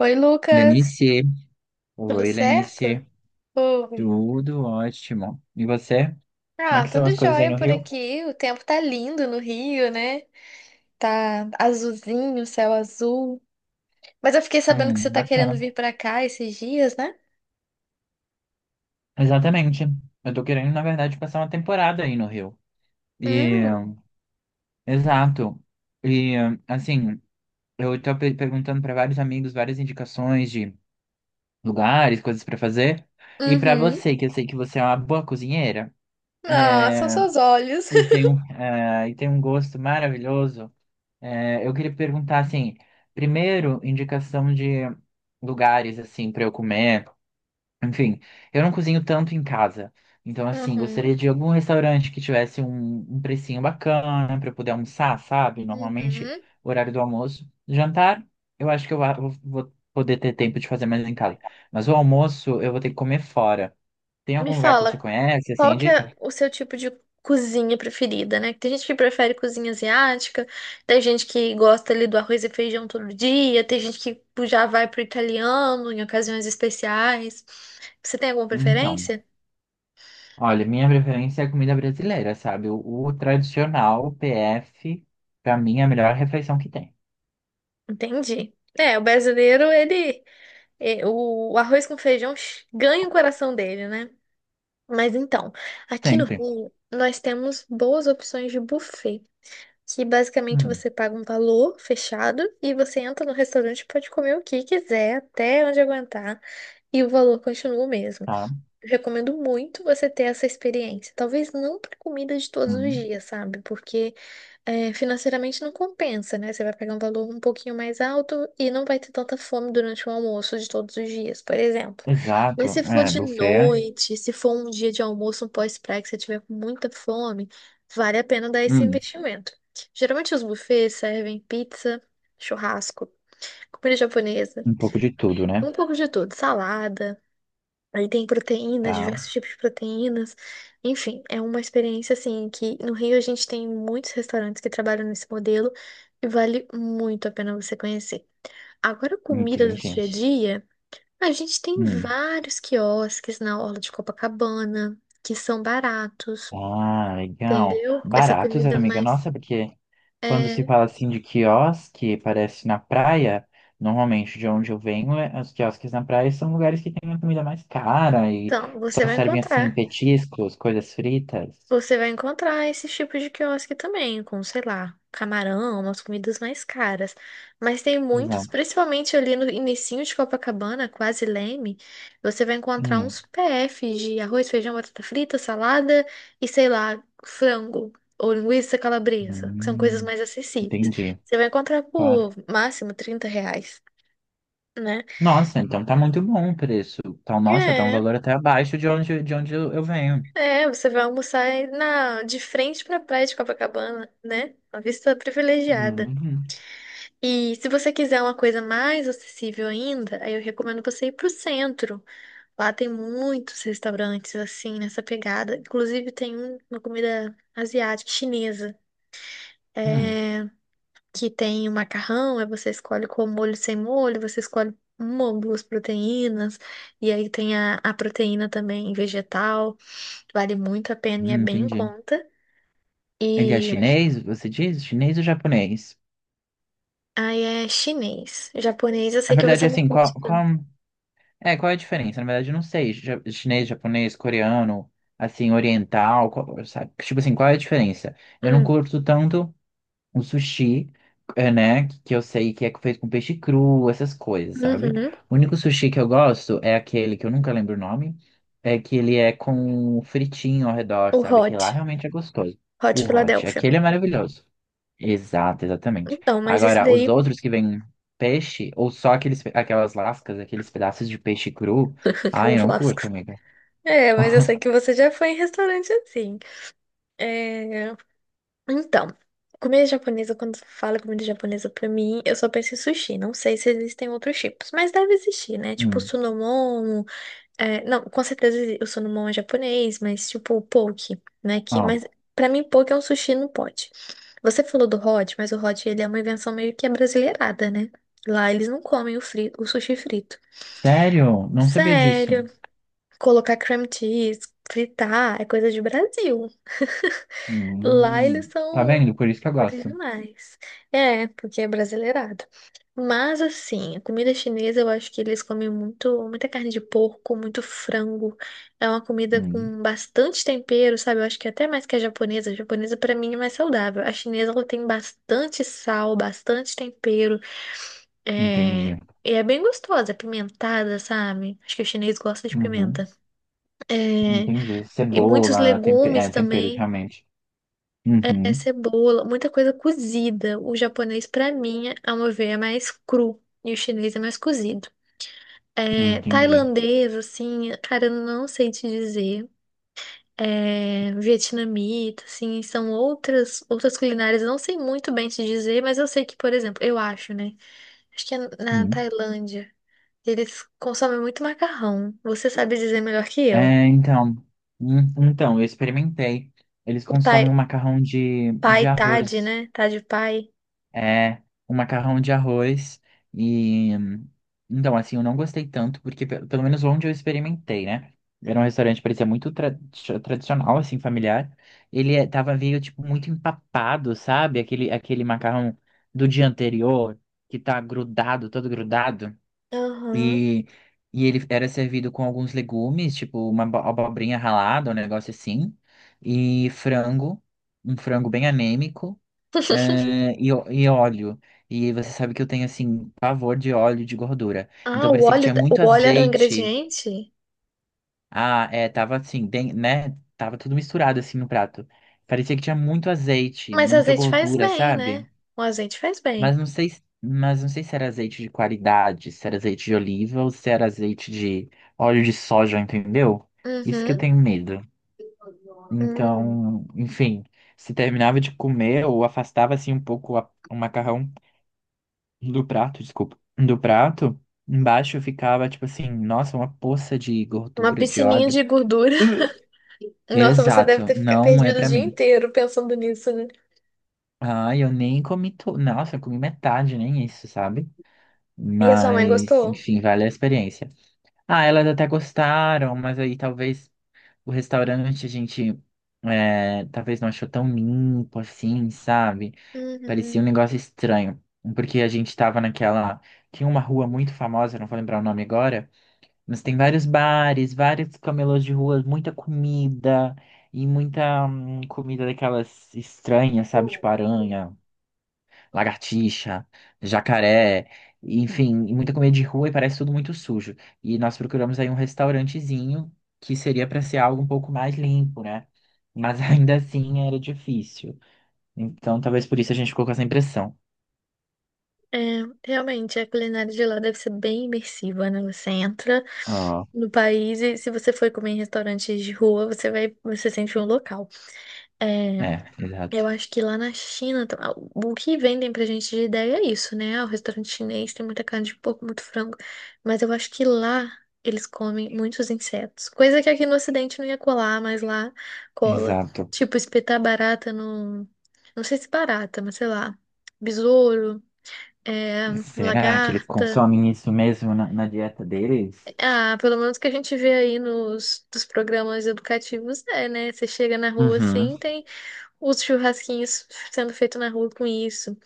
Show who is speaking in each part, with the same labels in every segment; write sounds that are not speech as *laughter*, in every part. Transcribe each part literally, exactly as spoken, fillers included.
Speaker 1: Oi, Lucas.
Speaker 2: Lenice,
Speaker 1: Tudo
Speaker 2: oi
Speaker 1: certo?
Speaker 2: Lenice,
Speaker 1: Oi.
Speaker 2: tudo ótimo. E você? Como é
Speaker 1: Ah,
Speaker 2: que são
Speaker 1: tudo
Speaker 2: as coisas aí
Speaker 1: jóia
Speaker 2: no
Speaker 1: por
Speaker 2: Rio?
Speaker 1: aqui. O tempo tá lindo no Rio, né? Tá azulzinho, céu azul. Mas eu fiquei sabendo que
Speaker 2: Hum,
Speaker 1: você tá querendo
Speaker 2: bacana.
Speaker 1: vir pra cá esses dias, né?
Speaker 2: Exatamente. Eu tô querendo, na verdade, passar uma temporada aí no Rio. E,
Speaker 1: Hum.
Speaker 2: exato. E, assim, eu tô pe- perguntando pra vários amigos várias indicações de lugares, coisas pra fazer. E pra
Speaker 1: Uhum.
Speaker 2: você, que eu sei que você é uma boa cozinheira, *laughs*
Speaker 1: Ah, são seus olhos.
Speaker 2: e tem
Speaker 1: *laughs*
Speaker 2: um, eh, e tem um gosto maravilhoso. É, eu queria perguntar, assim, primeiro, indicação de lugares, assim, para eu comer. Enfim, eu não cozinho tanto em casa. Então, assim,
Speaker 1: Uhum.
Speaker 2: gostaria de algum restaurante que tivesse um, um precinho bacana para eu poder almoçar, sabe? Normalmente,
Speaker 1: Uhum.
Speaker 2: o horário do almoço. Jantar, eu acho que eu a- vou vou poder ter tempo de fazer mais em casa. Mas o almoço, eu vou ter que comer fora. Tem
Speaker 1: Me
Speaker 2: algum lugar que você
Speaker 1: fala,
Speaker 2: conhece, assim,
Speaker 1: qual que é
Speaker 2: indica?
Speaker 1: o seu tipo de cozinha preferida, né? Tem gente que prefere cozinha asiática, tem gente que gosta ali do arroz e feijão todo dia, tem gente que já vai pro italiano em ocasiões especiais. Você tem alguma
Speaker 2: Então.
Speaker 1: preferência?
Speaker 2: Olha, minha preferência é a comida brasileira, sabe? O, o tradicional, o P F, pra mim é a melhor refeição que tem.
Speaker 1: Entendi. É, o brasileiro, ele, é, o arroz com feijão ganha o coração dele, né? Mas então, aqui no
Speaker 2: Sempre.
Speaker 1: Rio, nós temos boas opções de buffet. Que basicamente
Speaker 2: Hum,
Speaker 1: você paga um valor fechado e você entra no restaurante e pode comer o que quiser, até onde aguentar, e o valor continua o mesmo.
Speaker 2: tá.
Speaker 1: Recomendo muito você ter essa experiência. Talvez não para comida de todos os
Speaker 2: Hum,
Speaker 1: dias, sabe? Porque é, financeiramente não compensa, né? Você vai pagar um valor um pouquinho mais alto e não vai ter tanta fome durante o almoço de todos os dias, por exemplo. Mas
Speaker 2: exato.
Speaker 1: se for
Speaker 2: É,
Speaker 1: de
Speaker 2: buffet. É,
Speaker 1: noite, se for um dia de almoço, um pós-praia que você tiver com muita fome, vale a pena dar esse
Speaker 2: hum,
Speaker 1: investimento. Geralmente os buffets servem pizza, churrasco, comida japonesa,
Speaker 2: um pouco de tudo, né?
Speaker 1: um pouco de tudo, salada. Aí tem proteínas,
Speaker 2: Tá.
Speaker 1: diversos tipos de proteínas. Enfim, é uma experiência assim que no Rio a gente tem muitos restaurantes que trabalham nesse modelo e vale muito a pena você conhecer. Agora, comida do
Speaker 2: Entendi.
Speaker 1: dia a dia, a gente tem
Speaker 2: Hum.
Speaker 1: vários quiosques na orla de Copacabana que são baratos,
Speaker 2: Ah, legal.
Speaker 1: entendeu? Essa
Speaker 2: Baratos,
Speaker 1: comida
Speaker 2: amiga.
Speaker 1: mais
Speaker 2: Nossa, porque quando se
Speaker 1: é,
Speaker 2: fala assim de quiosque, parece na praia. Normalmente, de onde eu venho, é- os quiosques na praia são lugares que têm a comida mais cara e
Speaker 1: então, você
Speaker 2: só
Speaker 1: vai
Speaker 2: servem assim
Speaker 1: encontrar.
Speaker 2: petiscos, coisas fritas.
Speaker 1: Você vai encontrar esses tipos de quiosque também, com, sei lá, camarão, umas comidas mais caras. Mas tem muitos,
Speaker 2: Exato.
Speaker 1: principalmente ali no inicinho de Copacabana, quase Leme, você vai encontrar
Speaker 2: Hum,
Speaker 1: uns P Fs de arroz, feijão, batata frita, salada e, sei lá, frango ou linguiça calabresa, que são coisas
Speaker 2: hum,
Speaker 1: mais acessíveis.
Speaker 2: entendi.
Speaker 1: Você vai encontrar
Speaker 2: Claro.
Speaker 1: por máximo trinta reais, né?
Speaker 2: Nossa, então tá muito bom o preço. Então, nossa, tá um
Speaker 1: É,
Speaker 2: valor até abaixo de onde, de onde eu eu venho.
Speaker 1: é, você vai almoçar aí na, de frente para a praia de Copacabana, né? Uma vista privilegiada.
Speaker 2: Hum,
Speaker 1: E se você quiser uma coisa mais acessível ainda, aí eu recomendo você ir pro centro. Lá tem muitos restaurantes assim, nessa pegada. Inclusive tem um- uma comida asiática, chinesa,
Speaker 2: hum,
Speaker 1: é, que tem o macarrão, aí você escolhe com molho sem molho, você escolhe uma ou duas proteínas, e aí tem a, a proteína também vegetal. Vale muito a pena e é
Speaker 2: hum,
Speaker 1: bem em
Speaker 2: entendi.
Speaker 1: conta.
Speaker 2: Ele é
Speaker 1: E
Speaker 2: chinês, você diz? Chinês ou japonês?
Speaker 1: aí é chinês. Japonês, eu
Speaker 2: Na
Speaker 1: sei que
Speaker 2: verdade,
Speaker 1: você não
Speaker 2: assim, qual,
Speaker 1: curte
Speaker 2: qual...
Speaker 1: tanto.
Speaker 2: É, qual é a diferença? Na verdade, eu não sei. Ja- Chinês, japonês, coreano, assim, oriental, qual- sabe? Tipo assim, qual é a diferença? Eu não
Speaker 1: Hum.
Speaker 2: curto tanto o sushi, é, né? Que eu sei que é feito com peixe cru, essas coisas, sabe?
Speaker 1: Uhum.
Speaker 2: O único sushi que eu gosto é aquele que eu nunca lembro o nome, é que ele é com fritinho ao redor,
Speaker 1: O
Speaker 2: sabe? Que lá
Speaker 1: hot.
Speaker 2: realmente é gostoso.
Speaker 1: Hot
Speaker 2: O hot,
Speaker 1: Philadelphia.
Speaker 2: aquele é maravilhoso. Exato, exatamente.
Speaker 1: Então, mas isso
Speaker 2: Agora, os
Speaker 1: daí.
Speaker 2: outros que vêm peixe, ou só aqueles, pe- aquelas lascas, aqueles pedaços de peixe cru,
Speaker 1: *laughs*
Speaker 2: ai,
Speaker 1: Aquelas
Speaker 2: eu não curto,
Speaker 1: lascas.
Speaker 2: amiga.
Speaker 1: É, mas eu sei
Speaker 2: *laughs*
Speaker 1: que você já foi em restaurante assim. É... Então, comida japonesa, quando fala comida japonesa pra mim, eu só penso em sushi. Não sei se existem outros tipos, mas deve existir, né? Tipo,
Speaker 2: Hum,
Speaker 1: sunomon. é, Não, com certeza o sunomon é japonês, mas tipo, o poke, né? Que...
Speaker 2: ó.
Speaker 1: Mas pra mim, poke é um sushi no pote. Você falou do hot, mas o hot ele é uma invenção meio que é brasileirada, né? Lá eles não comem o, fri... o sushi frito.
Speaker 2: Sério? Não sabia disso.
Speaker 1: Sério, colocar cream cheese, fritar, é coisa de Brasil. Lá eles
Speaker 2: Hum, tá
Speaker 1: são
Speaker 2: vendo? Por isso que eu gosto.
Speaker 1: originais. É, porque é brasileirado. Mas assim, a comida chinesa eu acho que eles comem muito, muita carne de porco, muito frango. É uma comida
Speaker 2: Hum,
Speaker 1: com bastante tempero, sabe? Eu acho que até mais que a japonesa. A japonesa pra mim é mais saudável. A chinesa ela tem bastante sal, bastante tempero. É...
Speaker 2: entendi.
Speaker 1: E é bem gostosa, é pimentada, sabe? Acho que o chinês gosta de
Speaker 2: Uhum,
Speaker 1: pimenta. É,
Speaker 2: entendi.
Speaker 1: e muitos
Speaker 2: Cebola, tempe-
Speaker 1: legumes
Speaker 2: é, temperos,
Speaker 1: também,
Speaker 2: realmente.
Speaker 1: é,
Speaker 2: Uhum,
Speaker 1: cebola, muita coisa cozida. O japonês, pra mim, ao meu ver, é mais cru e o chinês é mais cozido. É,
Speaker 2: entendi.
Speaker 1: tailandês, assim, cara, eu não sei te dizer. É, vietnamita, assim, são outras outras culinárias. Eu não sei muito bem te dizer, mas eu sei que, por exemplo, eu acho, né? Acho que é na
Speaker 2: Hum.
Speaker 1: Tailândia. Eles consomem muito macarrão. Você sabe dizer melhor que eu.
Speaker 2: É, então, hum, então, eu experimentei. Eles
Speaker 1: O pai,
Speaker 2: consomem um macarrão de,
Speaker 1: pai
Speaker 2: de
Speaker 1: Thad,
Speaker 2: arroz.
Speaker 1: né? Thad pai.
Speaker 2: É, um macarrão de arroz e... Então, assim, eu não gostei tanto, porque pe- pelo menos onde eu experimentei, né? Era um restaurante que parecia muito tra- tradicional, assim, familiar. Ele eh, tava meio, tipo, muito empapado, sabe? Aquele, aquele macarrão do dia anterior, que tá grudado, todo grudado.
Speaker 1: Aham.
Speaker 2: E, e ele era servido com alguns legumes, tipo uma abo- abobrinha ralada, um negócio assim. E frango, um frango bem anêmico
Speaker 1: *laughs*
Speaker 2: eh, e, ó- e óleo. E você sabe que eu tenho, assim, pavor de óleo e de gordura.
Speaker 1: Ah,
Speaker 2: Então
Speaker 1: o
Speaker 2: parecia que
Speaker 1: óleo,
Speaker 2: tinha muito
Speaker 1: o óleo era um
Speaker 2: azeite.
Speaker 1: ingrediente?
Speaker 2: Ah, é, tava assim, den- né? Tava tudo misturado, assim, no prato. Parecia que tinha muito azeite,
Speaker 1: Mas
Speaker 2: muita
Speaker 1: azeite faz
Speaker 2: gordura,
Speaker 1: bem, né?
Speaker 2: sabe?
Speaker 1: O azeite faz
Speaker 2: Mas
Speaker 1: bem.
Speaker 2: não sei, se- mas não sei se era azeite de qualidade, se era azeite de oliva ou se era azeite de óleo de soja, entendeu? Isso que eu
Speaker 1: Uhum.
Speaker 2: tenho medo.
Speaker 1: Hum.
Speaker 2: Então, enfim, se terminava de comer ou afastava, assim, um pouco a- o macarrão do prato, desculpa, do prato, embaixo ficava tipo assim, nossa, uma poça de
Speaker 1: Uma
Speaker 2: gordura, de
Speaker 1: piscininha
Speaker 2: óleo.
Speaker 1: de gordura.
Speaker 2: Uh.
Speaker 1: *laughs* Nossa, você deve
Speaker 2: Exato,
Speaker 1: ter fica-
Speaker 2: não é
Speaker 1: perdido o
Speaker 2: pra
Speaker 1: dia
Speaker 2: mim.
Speaker 1: inteiro pensando nisso, né?
Speaker 2: Ah, eu nem comi tudo. Nossa, eu comi metade, nem isso, sabe?
Speaker 1: E a sua mãe
Speaker 2: Mas,
Speaker 1: gostou?
Speaker 2: enfim, vale a experiência. Ah, elas até gostaram, mas aí talvez o restaurante a gente é, talvez não achou tão limpo assim, sabe? Parecia um
Speaker 1: Uhum.
Speaker 2: negócio estranho. Porque a gente tava naquela. Tinha uma rua muito famosa, não vou lembrar o nome agora. Mas tem vários bares, vários camelôs de rua, muita comida e muita hum, comida daquelas estranhas, sabe? Tipo aranha, lagartixa, jacaré, e, enfim, e muita comida de rua e parece tudo muito sujo. E nós procuramos aí um restaurantezinho que seria para ser algo um pouco mais limpo, né? Mas *laughs* ainda assim era difícil. Então talvez por isso a gente ficou com essa impressão.
Speaker 1: É, realmente, a culinária de lá deve ser bem imersiva, né? Você entra
Speaker 2: Ah,
Speaker 1: no país e se você for comer em restaurantes de rua, você vai, você sente um local. É
Speaker 2: é,
Speaker 1: Eu
Speaker 2: exato.
Speaker 1: acho que lá na China, tam- ah, o que vendem pra gente de ideia é isso, né? Ah, o restaurante chinês tem muita carne de porco, muito frango. Mas eu acho que lá eles comem muitos insetos. Coisa que aqui no Ocidente não ia colar, mas lá cola.
Speaker 2: Exato.
Speaker 1: Tipo, espetar barata no. Não sei se barata, mas sei lá. Besouro, é,
Speaker 2: Será que eles
Speaker 1: lagarta.
Speaker 2: consomem isso mesmo na, na dieta deles?
Speaker 1: Ah, pelo menos que a gente vê aí nos dos programas educativos, é, né? Você chega na rua
Speaker 2: Uhum.
Speaker 1: assim, tem. Os churrasquinhos sendo feito na rua com isso.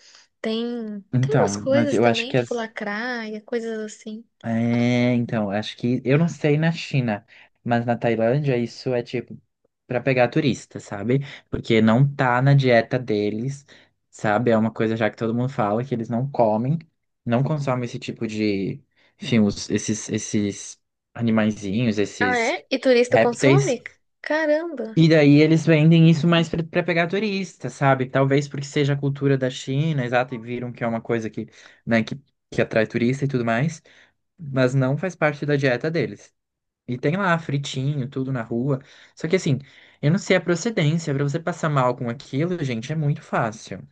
Speaker 1: Tem, tem umas
Speaker 2: Então, mas
Speaker 1: coisas
Speaker 2: eu acho
Speaker 1: também,
Speaker 2: que
Speaker 1: tipo
Speaker 2: as.
Speaker 1: lacraia, coisas assim.
Speaker 2: É, então, acho que. Eu não sei na China, mas na Tailândia isso é tipo pra pegar turista, sabe? Porque não tá na dieta deles, sabe? É uma coisa já que todo mundo fala que eles não comem, não consomem esse tipo de. Enfim, os- esses, esses animaizinhos,
Speaker 1: Ah,
Speaker 2: esses
Speaker 1: é? E turista
Speaker 2: répteis,
Speaker 1: consome? Caramba!
Speaker 2: e daí eles vendem isso mais para pegar turista, sabe? Talvez porque seja a cultura da China, exato, e viram que é uma coisa que, né, que, que atrai turista e tudo mais, mas não faz parte da dieta deles. E tem lá fritinho, tudo na rua. Só que assim, eu não sei a procedência, para você passar mal com aquilo, gente, é muito fácil.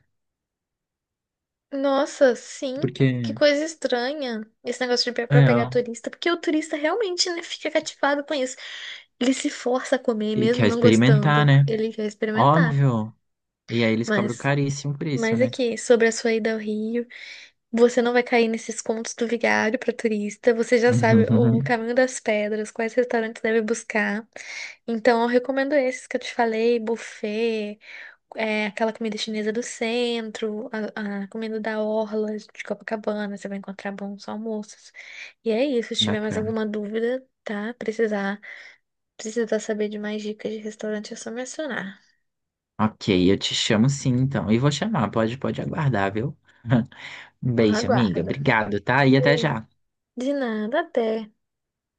Speaker 1: Nossa, sim. Que
Speaker 2: Porque,
Speaker 1: coisa estranha esse negócio de pe- pra
Speaker 2: é,
Speaker 1: pegar
Speaker 2: ó,
Speaker 1: turista, porque o turista realmente, né, fica cativado com isso. Ele se força a comer,
Speaker 2: e
Speaker 1: mesmo
Speaker 2: quer
Speaker 1: não gostando.
Speaker 2: experimentar, né?
Speaker 1: Ele quer experimentar.
Speaker 2: Óbvio. E aí eles cobram
Speaker 1: Mas,
Speaker 2: caríssimo por isso,
Speaker 1: mas
Speaker 2: né?
Speaker 1: aqui, sobre a sua ida ao Rio. Você não vai cair nesses contos do vigário para turista. Você já sabe o
Speaker 2: *laughs*
Speaker 1: caminho das pedras, quais restaurantes deve buscar. Então, eu recomendo esses que eu te falei: buffet, é, aquela comida chinesa do centro, a, a comida da orla de Copacabana. Você vai encontrar bons almoços. E é isso. Se tiver mais
Speaker 2: Bacana.
Speaker 1: alguma dúvida, tá? Precisar, precisar saber de mais dicas de restaurante, é só mencionar.
Speaker 2: Ok, eu te chamo sim, então. E vou chamar, pode, pode aguardar, viu? *laughs* Um beijo, amiga.
Speaker 1: Aguarda.
Speaker 2: Obrigado, tá? E até já.
Speaker 1: De nada, até.